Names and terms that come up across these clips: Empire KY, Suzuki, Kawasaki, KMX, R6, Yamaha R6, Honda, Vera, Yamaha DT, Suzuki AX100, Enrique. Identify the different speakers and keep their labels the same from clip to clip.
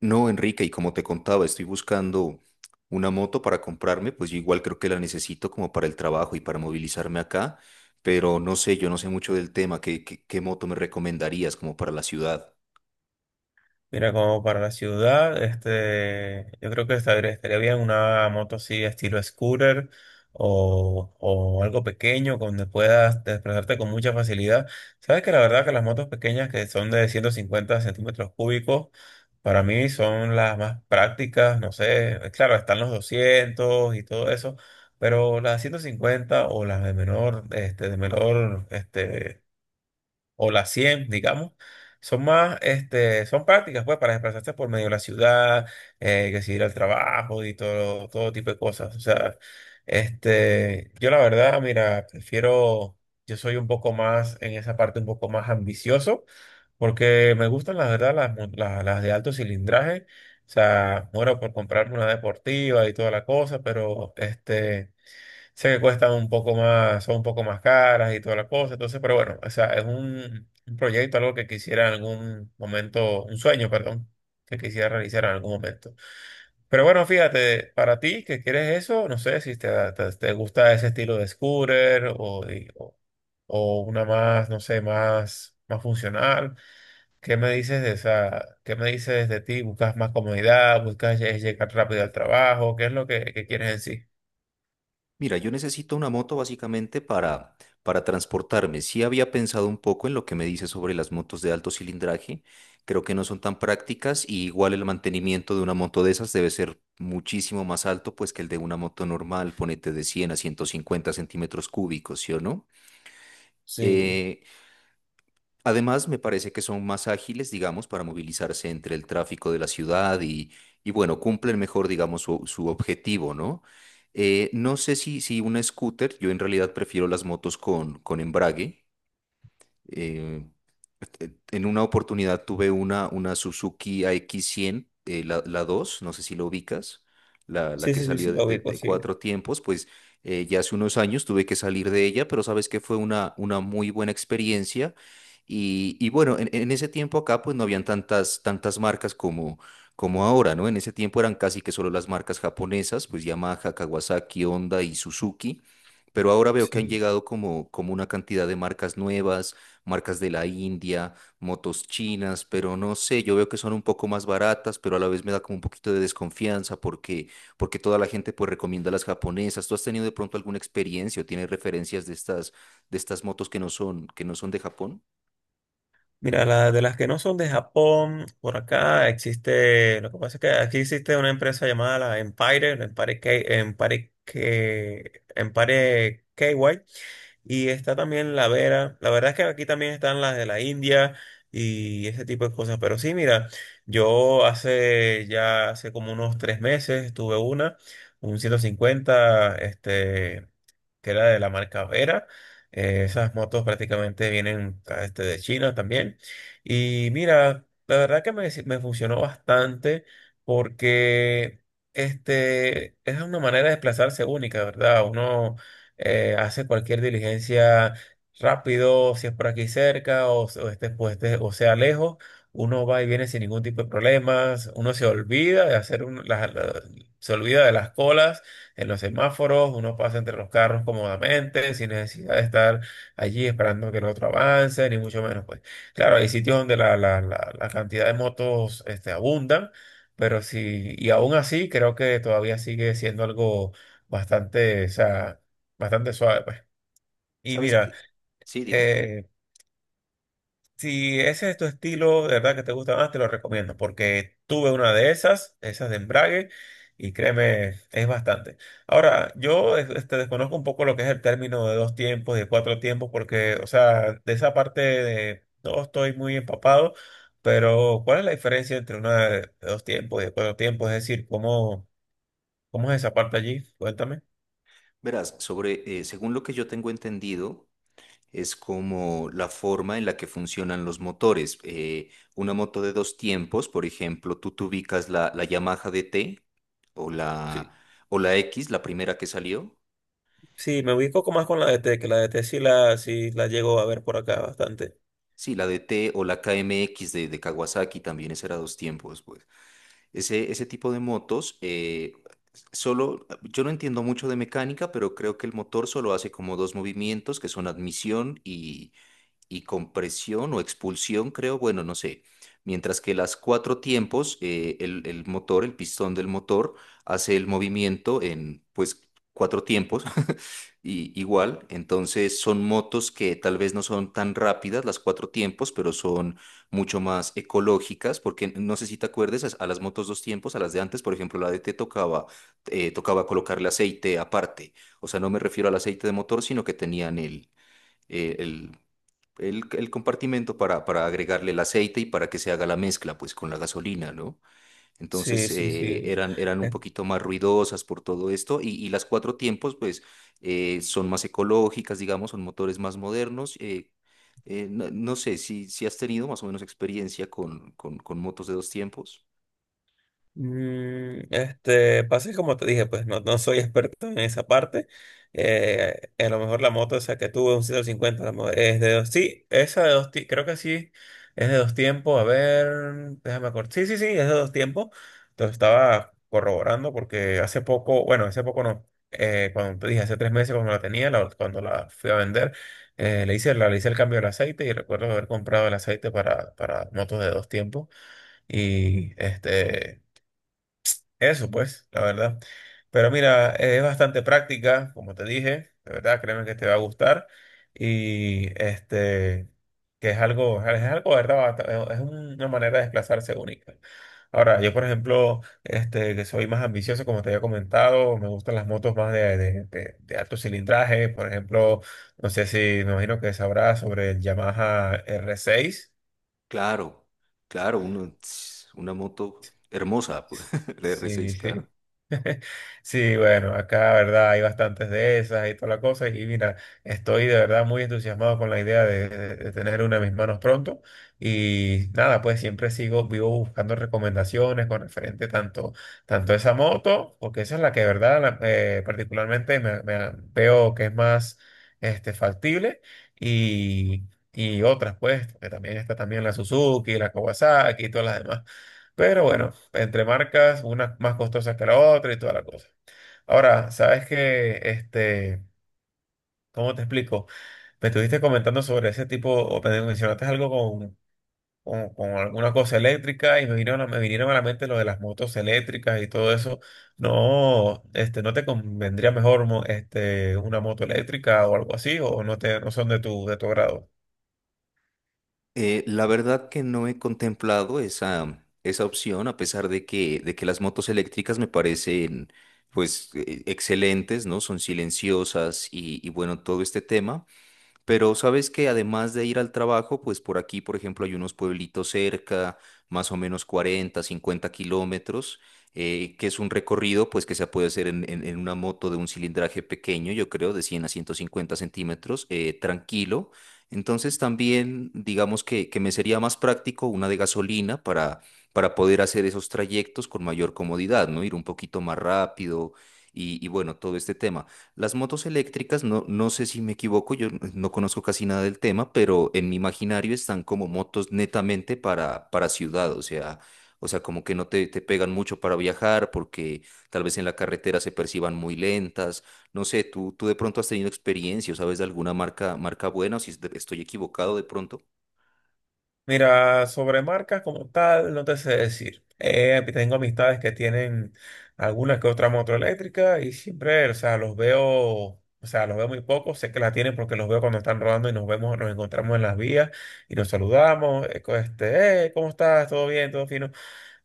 Speaker 1: No, Enrique, y como te contaba, estoy buscando una moto para comprarme, pues yo igual creo que la necesito como para el trabajo y para movilizarme acá, pero no sé, yo no sé mucho del tema, ¿qué moto me recomendarías como para la ciudad?
Speaker 2: Mira, como para la ciudad, yo creo que estaría bien una moto así estilo scooter o algo pequeño donde puedas desplazarte con mucha facilidad. Sabes que la verdad que las motos pequeñas que son de 150 centímetros cúbicos, para mí son las más prácticas, no sé, claro, están los 200 y todo eso, pero las 150 o las de menor, o las 100 digamos, son más, son prácticas, pues, para desplazarse por medio de la ciudad, que si ir al trabajo y todo tipo de cosas. O sea, yo la verdad, mira, prefiero, yo soy un poco más, en esa parte, un poco más ambicioso, porque me gustan, la verdad, las de alto cilindraje. O sea, muero por comprarme una deportiva y toda la cosa, pero sé que cuestan un poco más, son un poco más caras y toda la cosa, entonces, pero bueno, o sea, es un proyecto, algo que quisiera en algún momento, un sueño, perdón, que quisiera realizar en algún momento. Pero bueno, fíjate, para ti que quieres eso, no sé si te gusta ese estilo de scooter o o, una más, no sé, más funcional. ¿Qué me dices de esa, qué me dices de ti? ¿Buscas más comodidad? ¿Buscas llegar rápido al trabajo? ¿Qué es lo que quieres en sí?
Speaker 1: Mira, yo necesito una moto básicamente para transportarme. Sí había pensado un poco en lo que me dice sobre las motos de alto cilindraje. Creo que no son tan prácticas y igual el mantenimiento de una moto de esas debe ser muchísimo más alto pues que el de una moto normal, ponete de 100 a 150 centímetros cúbicos, ¿sí o no?
Speaker 2: Sí.
Speaker 1: Eh, Además, me parece que son más ágiles, digamos, para movilizarse entre el tráfico de la ciudad y bueno, cumplen mejor, digamos, su objetivo, ¿no? No sé si un scooter, yo en realidad prefiero las motos con embrague, eh, en una oportunidad una Suzuki AX100, la 2 no sé si lo ubicas, la
Speaker 2: Sí,
Speaker 1: que
Speaker 2: sí, sí,
Speaker 1: salió
Speaker 2: sí, lo ubico,
Speaker 1: de
Speaker 2: sí.
Speaker 1: cuatro tiempos, pues ya hace unos años tuve que salir de ella, pero sabes que fue una muy buena experiencia. Y bueno, en ese tiempo acá pues no habían tantas marcas como ahora, ¿no? En ese tiempo eran casi que solo las marcas japonesas, pues Yamaha, Kawasaki, Honda y Suzuki. Pero ahora veo que han
Speaker 2: Sí.
Speaker 1: llegado como una cantidad de marcas nuevas marcas de la India, motos chinas, pero no sé, yo veo que son un poco más baratas, pero a la vez me da como un poquito de desconfianza porque toda la gente pues recomienda las japonesas. ¿Tú has tenido de pronto alguna experiencia o tienes referencias de de estas motos que que no son de Japón?
Speaker 2: Mira, la, de las que no son de Japón, por acá existe, lo que pasa es que aquí existe una empresa llamada la Empire K, Empire KY, y está también la Vera. La verdad es que aquí también están las de la India y ese tipo de cosas, pero sí, mira, yo hace ya, hace como unos tres meses tuve una, un 150 que era de la marca Vera. Esas motos prácticamente vienen ah, de China también. Y mira, la verdad que me, si- me funcionó bastante porque es una manera de desplazarse única, ¿verdad? Uno hace cualquier diligencia rápido, si es por aquí cerca o, s- o, este, pues, este- o sea lejos, uno va y viene sin ningún tipo de problemas, uno se olvida de hacer un- la- la- se olvida de las colas en los semáforos, uno pasa entre los carros cómodamente, sin necesidad de estar allí esperando que el otro avance, ni mucho menos, pues. Claro, hay sitios donde la cantidad de motos abundan, pero sí, y aún así creo que todavía sigue siendo algo bastante, o sea, bastante suave, pues. Y
Speaker 1: ¿Sabes
Speaker 2: mira,
Speaker 1: qué? Sí, dime.
Speaker 2: eh, si ese es tu estilo, de verdad que te gusta más, te lo recomiendo, porque tuve una de esas, esas de embrague, y créeme, es bastante. Ahora, yo desconozco un poco lo que es el término de dos tiempos, de cuatro tiempos, porque, o sea, de esa parte de, no estoy muy empapado, pero ¿cuál es la diferencia entre una de dos tiempos y de cuatro tiempos? Es decir, ¿cómo, cómo es esa parte allí? Cuéntame.
Speaker 1: Verás, sobre, según lo que yo tengo entendido, es como la forma en la que funcionan los motores. Una moto de dos tiempos, por ejemplo, tú te ubicas la Yamaha DT o
Speaker 2: Sí,
Speaker 1: la, o la X, la primera que salió.
Speaker 2: sí, me ubico más con la D T, que la D T sí sí la llego a ver por acá bastante.
Speaker 1: Sí, la DT o la KMX de Kawasaki también, ese era dos tiempos, pues. Ese tipo de motos, solo, yo no entiendo mucho de mecánica, pero creo que el motor solo hace como dos movimientos que son admisión y compresión o expulsión, creo, bueno, no sé. Mientras que las cuatro tiempos, el motor, el pistón del motor, hace el movimiento en, pues, cuatro tiempos, y, igual. Entonces son motos que tal vez no son tan rápidas las cuatro tiempos, pero son mucho más ecológicas, porque no sé si te acuerdes, a las motos dos tiempos, a las de antes, por ejemplo, la de te tocaba, tocaba colocarle aceite aparte. O sea, no me refiero al aceite de motor, sino que tenían el eh, el, el compartimento para agregarle el aceite y para que se haga la mezcla, pues, con la gasolina, ¿no?
Speaker 2: Sí,
Speaker 1: Entonces,
Speaker 2: sí, sí.
Speaker 1: eran un
Speaker 2: Eh,
Speaker 1: poquito más ruidosas por todo esto y las cuatro tiempos, pues, son más ecológicas, digamos, son motores más modernos. No sé si, si has tenido más o menos experiencia con motos de dos tiempos.
Speaker 2: pasa que como te dije, pues no soy experto en esa parte. A lo mejor la moto esa que tuve, un 150, es de dos, sí, esa de dos, ti- creo que sí, es de dos tiempos, a ver, déjame acordar. Sí, sí, sí, es de dos tiempos. Entonces estaba corroborando porque hace poco, bueno, hace poco no, cuando te dije, hace tres meses cuando la tenía, cuando la fui a vender, le le hice el cambio del aceite y recuerdo haber comprado el aceite para motos de dos tiempos. Y eso pues, la verdad. Pero mira, es bastante práctica, como te dije, de verdad, créeme que te va a gustar. Y que es algo, ¿verdad? Es una manera de desplazarse única. Ahora, yo por ejemplo, que soy más ambicioso, como te había comentado, me gustan las motos más de alto cilindraje. Por ejemplo, no sé si, me imagino que sabrás sobre el Yamaha R6.
Speaker 1: Claro, claro, una moto hermosa, pues, la
Speaker 2: Sí,
Speaker 1: R6, claro.
Speaker 2: sí. Sí, bueno, acá, verdad, hay bastantes de esas y toda la cosa. Y mira, estoy de verdad muy entusiasmado con la idea de tener una en mis manos pronto. Y nada, pues siempre sigo, vivo buscando recomendaciones con referente tanto, tanto a esa moto, porque esa es la que, de verdad, particularmente veo que es más factible. Y, y otras, pues, porque también está también la Suzuki, la Kawasaki y todas las demás. Pero bueno, entre marcas, una más costosa que la otra y toda la cosa. Ahora, ¿sabes que ¿cómo te explico? Me estuviste comentando sobre ese tipo, o me mencionaste algo con alguna cosa eléctrica y me me vinieron a la mente lo de las motos eléctricas y todo eso. No, ¿no te convendría mejor una moto eléctrica o algo así? ¿O no no son de de tu agrado?
Speaker 1: La verdad que no he contemplado esa opción, a pesar de de que las motos eléctricas me parecen pues excelentes, ¿no? Son silenciosas y bueno, todo este tema. Pero sabes que además de ir al trabajo, pues por aquí, por ejemplo, hay unos pueblitos cerca, más o menos 40, 50 kilómetros, que es un recorrido pues que se puede hacer en una moto de un cilindraje pequeño, yo creo, de 100 a 150 centímetros, tranquilo. Entonces también digamos que me sería más práctico una de gasolina para poder hacer esos trayectos con mayor comodidad, ¿no? Ir un poquito más rápido y bueno, todo este tema. Las motos eléctricas, no, no sé si me equivoco, yo no conozco casi nada del tema, pero en mi imaginario están como motos netamente para ciudad, o sea, como que no te, te pegan mucho para viajar porque tal vez en la carretera se perciban muy lentas. No sé, tú de pronto has tenido experiencia o sabes de alguna marca, marca buena o si estoy equivocado de pronto.
Speaker 2: Mira, sobre marcas como tal, no te sé decir. Tengo amistades que tienen alguna que otra moto eléctrica y siempre, o sea, los veo, o sea, los veo muy poco. Sé que la tienen porque los veo cuando están rodando y nos vemos, nos encontramos en las vías y nos saludamos. ¿Cómo estás? ¿Todo bien? ¿Todo fino?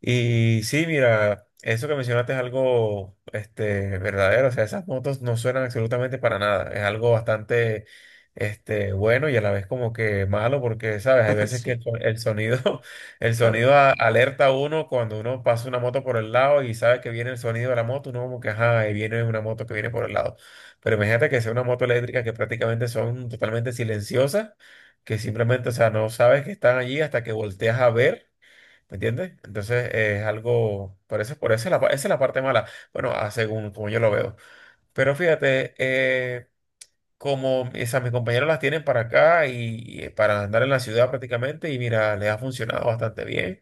Speaker 2: Y sí, mira, eso que mencionaste es algo verdadero. O sea, esas motos no suenan absolutamente para nada. Es algo bastante bueno y a la vez como que malo porque, ¿sabes? Hay veces que
Speaker 1: Sí,
Speaker 2: el sonido,
Speaker 1: claro.
Speaker 2: alerta a uno cuando uno pasa una moto por el lado y sabe que viene el sonido de la moto, uno como que, ajá, ahí viene una moto que viene por el lado. Pero imagínate que sea una moto eléctrica que prácticamente son totalmente silenciosas, que simplemente, o sea, no sabes que están allí hasta que volteas a ver. ¿Me entiendes? Entonces es algo, por eso es esa es la parte mala, bueno, a según como yo lo veo. Pero fíjate, como esas, mis compañeros las tienen para acá y, y para andar en la ciudad prácticamente y mira, les ha funcionado bastante bien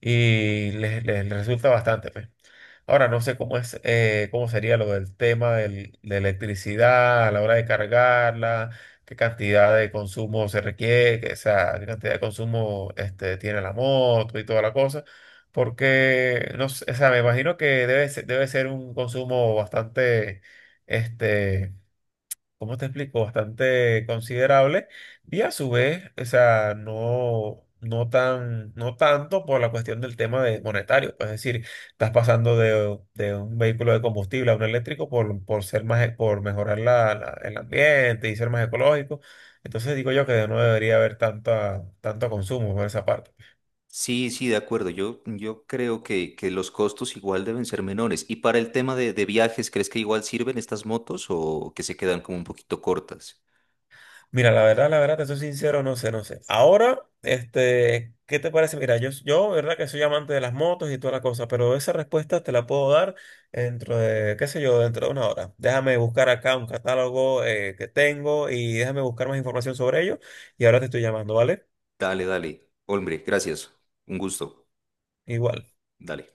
Speaker 2: y les resulta bastante, pues. Ahora no sé cómo es, cómo sería lo del tema de electricidad a la hora de cargarla, qué cantidad de consumo se requiere, o sea, qué cantidad de consumo tiene la moto y toda la cosa, porque no sé, o sea, me imagino que debe ser un consumo bastante, este, bastante considerable y a su vez, o sea, no tan, no tanto por la cuestión del tema de monetario, pues, es decir, estás pasando de un vehículo de combustible a un eléctrico por ser más, por mejorar el ambiente y ser más ecológico. Entonces digo yo que no debería haber tanto consumo por esa parte.
Speaker 1: Sí, sí, de acuerdo. Yo creo que los costos igual deben ser menores. Y para el tema de viajes, ¿crees que igual sirven estas motos o que se quedan como un poquito cortas?
Speaker 2: Mira, la verdad, te soy sincero, no sé, no sé. Ahora, ¿qué te parece? Mira, yo, verdad que soy amante de las motos y toda la cosa, pero esa respuesta te la puedo dar dentro de, qué sé yo, dentro de una hora. Déjame buscar acá un catálogo que tengo y déjame buscar más información sobre ello y ahora te estoy llamando, ¿vale?
Speaker 1: Dale, dale. Hombre, gracias. Un gusto.
Speaker 2: Igual.
Speaker 1: Dale.